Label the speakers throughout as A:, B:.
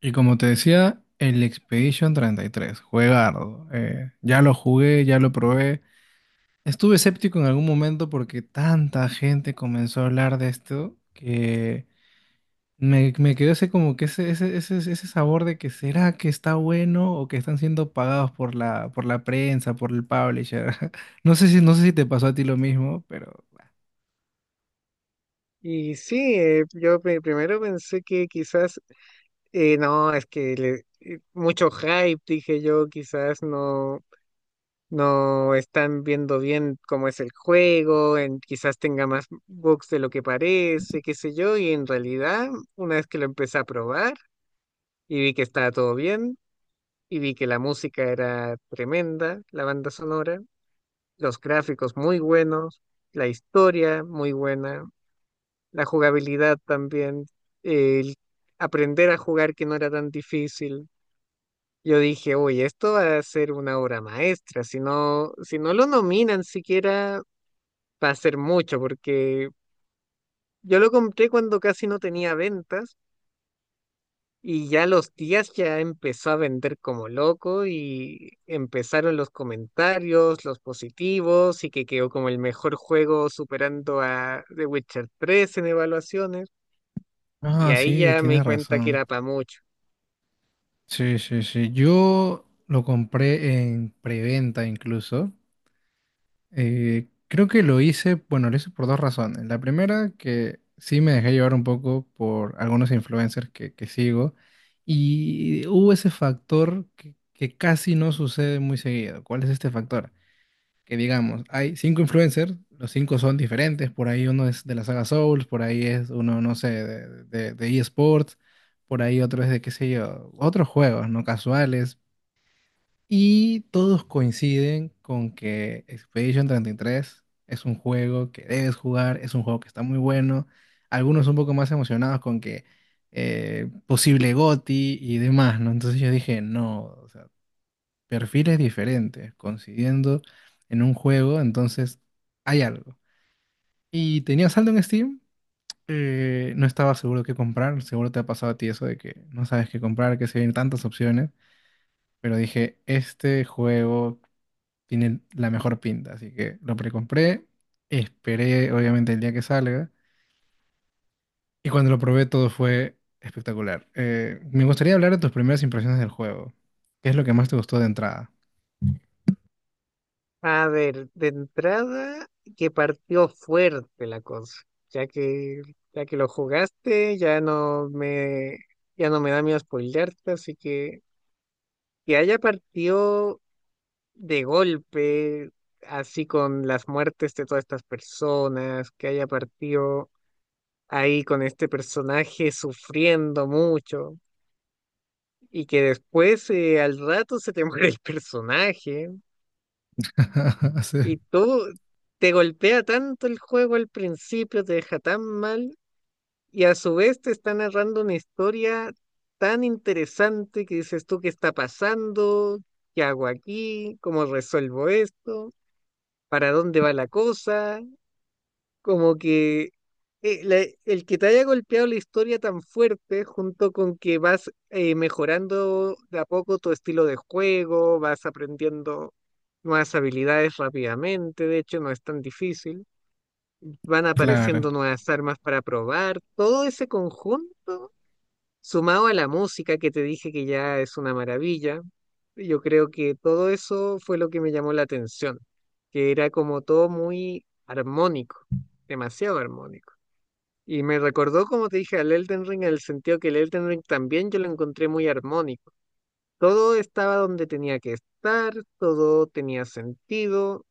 A: Y como te decía, el Expedition treinta y tres, juegardo. Ya lo jugué, ya lo probé. Estuve escéptico en algún momento porque tanta gente comenzó a hablar de esto que me quedó ese como que ese sabor de que será que está bueno o que están siendo pagados por la prensa, por el publisher. No sé si te pasó a ti lo mismo, pero...
B: Y sí, primero pensé que quizás, no, mucho hype, dije yo, quizás no, no están viendo bien cómo es el juego, en, quizás tenga más bugs de lo que parece, qué sé yo, y en realidad, una vez que lo empecé a probar y vi que estaba todo bien, y vi que la música era tremenda, la banda sonora, los gráficos muy buenos, la historia muy buena, la jugabilidad también, el aprender a jugar que no era tan difícil. Yo dije, oye, esto va a ser una obra maestra, si no, si no lo nominan siquiera va a ser mucho, porque yo lo compré cuando casi no tenía ventas y ya a los días ya empezó a vender como loco y empezaron los comentarios, los positivos y que quedó como el mejor juego superando a The Witcher 3 en evaluaciones. Y
A: Ah,
B: ahí
A: sí,
B: ya me
A: tienes
B: di cuenta que
A: razón.
B: era para mucho.
A: Sí, sí, sí, yo lo compré en preventa incluso. Creo que lo hice, bueno, lo hice por dos razones. La primera, que sí me dejé llevar un poco por algunos influencers que sigo y hubo ese factor que casi no sucede muy seguido. ¿Cuál es este factor? Que digamos, hay cinco influencers, los cinco son diferentes, por ahí uno es de la saga Souls, por ahí es uno, no sé, de eSports, por ahí otro es de, qué sé yo, otros juegos, no casuales, y todos coinciden con que Expedition 33 es un juego que debes jugar, es un juego que está muy bueno. Algunos un poco más emocionados con que posible GOTY y demás, ¿no? Entonces yo dije, no, o sea, perfiles diferentes, coincidiendo en un juego, entonces hay algo. Y tenía saldo en Steam, no estaba seguro qué comprar, seguro te ha pasado a ti eso de que no sabes qué comprar, que se ven tantas opciones, pero dije, este juego tiene la mejor pinta, así que lo precompré, esperé obviamente el día que salga y cuando lo probé todo fue espectacular. Me gustaría hablar de tus primeras impresiones del juego. ¿Qué es lo que más te gustó de entrada?
B: A ver, de entrada que partió fuerte la cosa, ya que ya que lo jugaste, ya no me da miedo spoilearte, así que haya partido de golpe, así con las muertes de todas estas personas, que haya partido ahí con este personaje sufriendo mucho y que después, al rato se te muere el personaje.
A: Sí,
B: Y todo te golpea tanto el juego al principio, te deja tan mal, y a su vez te está narrando una historia tan interesante que dices tú qué está pasando, qué hago aquí, cómo resuelvo esto, para dónde va la cosa, como que el que te haya golpeado la historia tan fuerte, junto con que vas mejorando de a poco tu estilo de juego, vas aprendiendo nuevas habilidades rápidamente, de hecho no es tan difícil, van
A: claro,
B: apareciendo nuevas armas para probar, todo ese conjunto, sumado a la música que te dije que ya es una maravilla, yo creo que todo eso fue lo que me llamó la atención, que era como todo muy armónico, demasiado armónico. Y me recordó, como te dije, al Elden Ring, en el sentido que el Elden Ring también yo lo encontré muy armónico. Todo estaba donde tenía que estar, todo tenía sentido.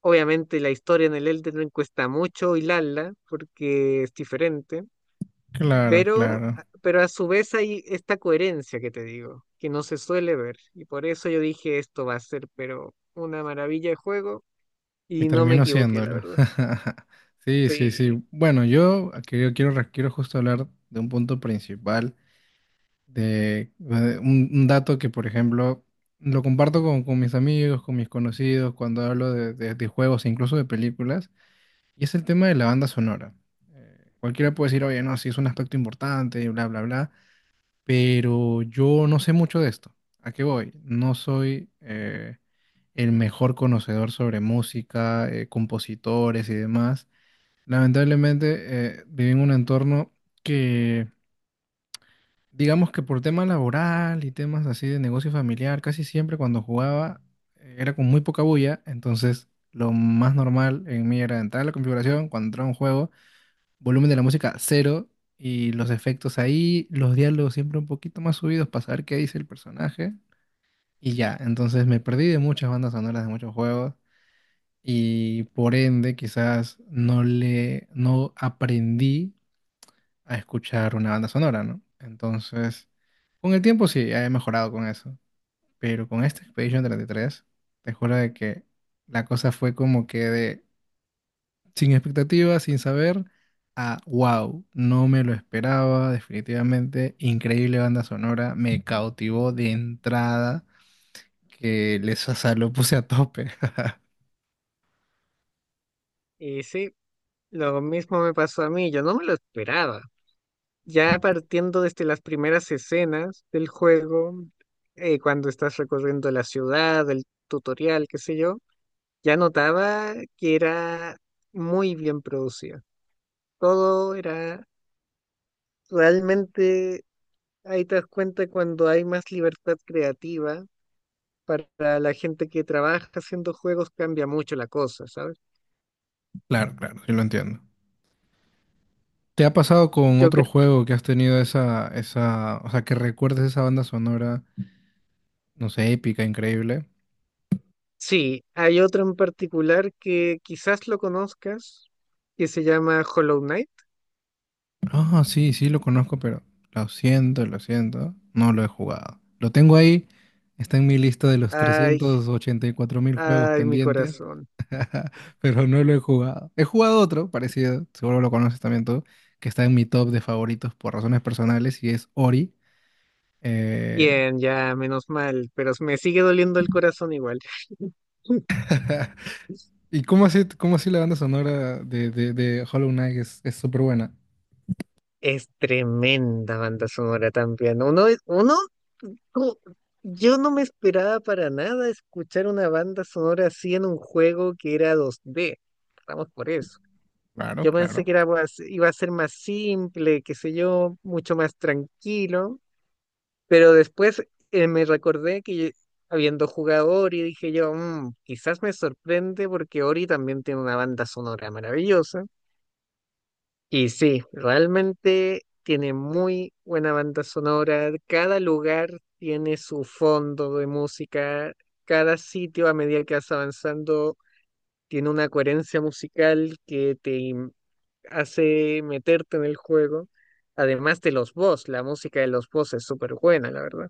B: Obviamente la historia en el Elden Ring cuesta mucho hilarla porque es diferente,
A: claro,
B: pero,
A: claro.
B: pero a su vez hay esta coherencia que te digo, que no se suele ver. Y por eso yo dije, esto va a ser, pero una maravilla de juego,
A: Y
B: y no me
A: termino
B: equivoqué, la
A: haciéndolo.
B: verdad.
A: Sí, sí, sí.
B: Sí,
A: Bueno, yo quiero justo hablar de un punto principal de, de un dato que, por ejemplo, lo comparto con mis amigos, con mis conocidos, cuando hablo de, de juegos e incluso de películas, y es el tema de la banda sonora. Cualquiera puede decir, oye, no, sí es un aspecto importante, y bla, bla, bla, pero yo no sé mucho de esto. ¿A qué voy? No soy el mejor conocedor sobre música, compositores y demás. Lamentablemente, viví en un entorno que digamos que por tema laboral y temas así de negocio familiar, casi siempre cuando jugaba era con muy poca bulla, entonces lo más normal en mí era entrar a la configuración, cuando entraba a un juego, volumen de la música cero y los efectos ahí, los diálogos siempre un poquito más subidos para saber qué dice el personaje y ya, entonces me perdí de muchas bandas sonoras de muchos juegos y por ende quizás no aprendí a escuchar una banda sonora, ¿no? Entonces... Con el tiempo sí, he mejorado con eso, pero con este Expedition 33, te juro de que la cosa fue como que de sin expectativas, sin saber, a wow, no me lo esperaba, definitivamente, increíble banda sonora, me cautivó de entrada, que les o lo puse a tope.
B: y sí, lo mismo me pasó a mí, yo no me lo esperaba. Ya partiendo desde las primeras escenas del juego, cuando estás recorriendo la ciudad, el tutorial, qué sé yo, ya notaba que era muy bien producida. Todo era realmente, ahí te das cuenta cuando hay más libertad creativa para la gente que trabaja haciendo juegos cambia mucho la cosa, ¿sabes?
A: Claro, claro, sí lo entiendo. ¿Te ha pasado con
B: Yo
A: otro
B: creo,
A: juego que has tenido o sea, que recuerdes esa banda sonora, no sé, épica, increíble?
B: sí, hay otro en particular que quizás lo conozcas, que se llama Hollow Knight.
A: Ah, sí, sí lo conozco, pero lo siento, no lo he jugado. Lo tengo ahí, está en mi lista de los
B: Hay
A: 384.000 juegos
B: Ay, mi
A: pendientes,
B: corazón.
A: pero no lo he jugado. He jugado otro parecido, seguro lo conoces también tú, que está en mi top de favoritos por razones personales y es Ori. Eh,
B: Bien, ya, menos mal, pero me sigue doliendo el corazón igual.
A: ¿Y cómo así la banda sonora de, de Hollow Knight es súper buena?
B: Es tremenda banda sonora también. Uno, co- yo no me esperaba para nada escuchar una banda sonora así en un juego que era 2D. Vamos por eso.
A: Claro,
B: Yo pensé
A: claro.
B: que era, pues, iba a ser más simple, qué sé yo, mucho más tranquilo. Pero después, me recordé que, habiendo jugado Ori, dije yo, "Mm, quizás me sorprende porque Ori también tiene una banda sonora maravillosa". Y sí, realmente tiene muy buena banda sonora. Cada lugar tiene su fondo de música. Cada sitio, a medida que vas avanzando, tiene una coherencia musical que hace meterte en el juego. Además de los boss, la música de los boss es súper buena, la verdad.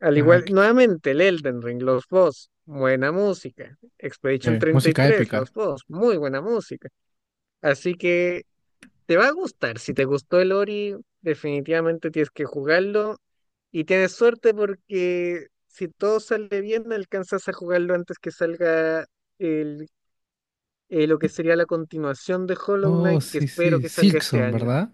B: Al
A: Ajá,
B: igual, nuevamente el Elden Ring, los boss, buena música. Expedition
A: música
B: 33,
A: épica.
B: los boss, muy buena música. Así que te va a gustar. Si te gustó el Ori, definitivamente tienes que jugarlo. Y tienes suerte porque si todo sale bien, alcanzas a jugarlo antes que salga el, lo que sería la continuación de Hollow
A: Oh,
B: Knight, que
A: sí,
B: espero
A: sí,
B: que salga este
A: Silksong,
B: año.
A: ¿verdad?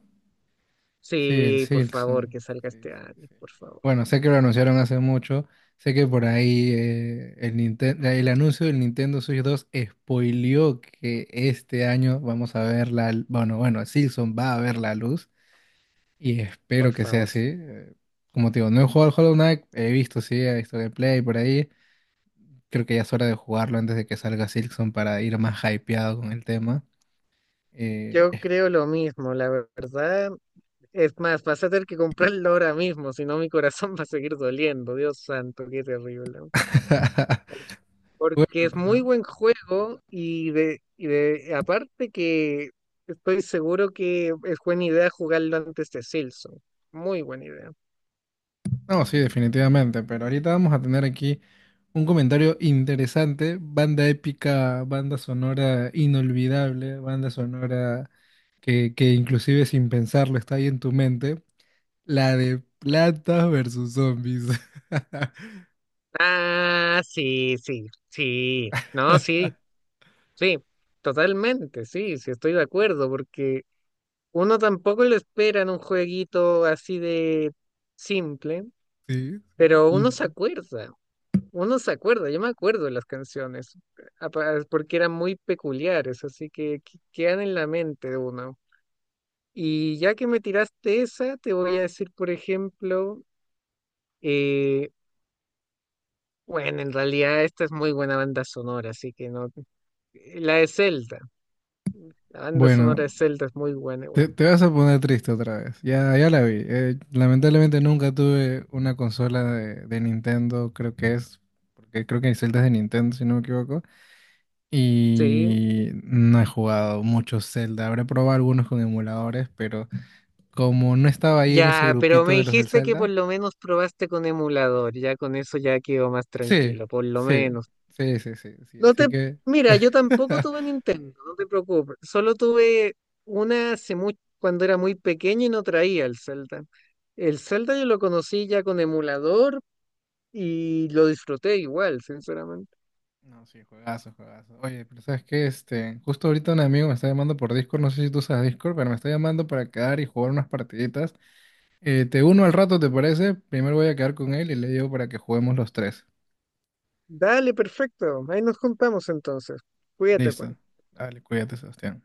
A: Sí, el
B: Sí, por favor,
A: Silkson.
B: que salga
A: Sí,
B: este
A: sí,
B: año,
A: sí.
B: por favor,
A: Bueno, sé que lo anunciaron hace mucho. Sé que por ahí el anuncio del Nintendo Switch 2 spoileó que este año vamos a ver la... Bueno, bueno, Silkson va a ver la luz y espero
B: por
A: que sea
B: favor.
A: así.
B: Sí.
A: Como te digo, no he jugado al Hollow Knight, he visto, sí, he visto gameplay por ahí. Creo que ya es hora de jugarlo antes de que salga Silkson para ir más hypeado con el tema. Eh,
B: Yo creo lo mismo, la verdad. Es más, vas a tener que comprarlo ahora mismo, si no mi corazón va a seguir doliendo. Dios santo, qué terrible. Porque es muy
A: Bueno,
B: buen juego y de aparte que estoy seguro que es buena idea jugarlo antes de Silson. Muy buena idea.
A: no, sí, definitivamente, pero ahorita vamos a tener aquí un comentario interesante, banda épica, banda sonora inolvidable, banda sonora que inclusive sin pensarlo está ahí en tu mente, la de Plantas versus Zombies.
B: Ah, sí, sí, sí. No, sí, sí. Totalmente, sí, sí, estoy de acuerdo, porque uno tampoco lo espera en un jueguito así de simple,
A: Sí, sí,
B: pero uno se
A: simple.
B: acuerda. Uno se acuerda, yo me acuerdo de las canciones, porque eran muy peculiares, así que quedan en la mente de uno. Y ya que me tiraste esa, te voy a decir, por ejemplo, eh, bueno, en realidad esta es muy buena banda sonora, así que no. La de Zelda, la banda sonora
A: Bueno,
B: de Zelda es muy buena
A: te,
B: igual.
A: te vas a poner triste otra vez, ya, ya la vi. Lamentablemente nunca tuve una consola de Nintendo, creo que es, porque creo que hay celdas de Nintendo, si no me equivoco.
B: Sí,
A: Y no he jugado mucho Zelda. Habré probado algunos con emuladores, pero como no estaba ahí en ese
B: ya, pero me
A: grupito de los del
B: dijiste que por
A: Zelda,
B: lo menos probaste con emulador, ya con eso ya quedo más
A: sí,
B: tranquilo, por lo
A: sí,
B: menos.
A: sí, sí, sí, sí.
B: No
A: Así
B: te,
A: que.
B: mira, yo tampoco tuve Nintendo, no te preocupes. Solo tuve una hace mucho, cuando era muy pequeño y no traía el Zelda. El Zelda yo lo conocí ya con emulador y lo disfruté igual, sinceramente.
A: No, sí, juegazo, juegazo. Oye, pero ¿sabes qué? Este, justo ahorita un amigo me está llamando por Discord, no sé si tú usas Discord, pero me está llamando para quedar y jugar unas partiditas. Te uno al rato, ¿te parece? Primero voy a quedar con él y le digo para que juguemos los tres.
B: Dale, perfecto. Ahí nos juntamos entonces. Cuídate,
A: Listo.
B: Juan.
A: Dale, cuídate, Sebastián.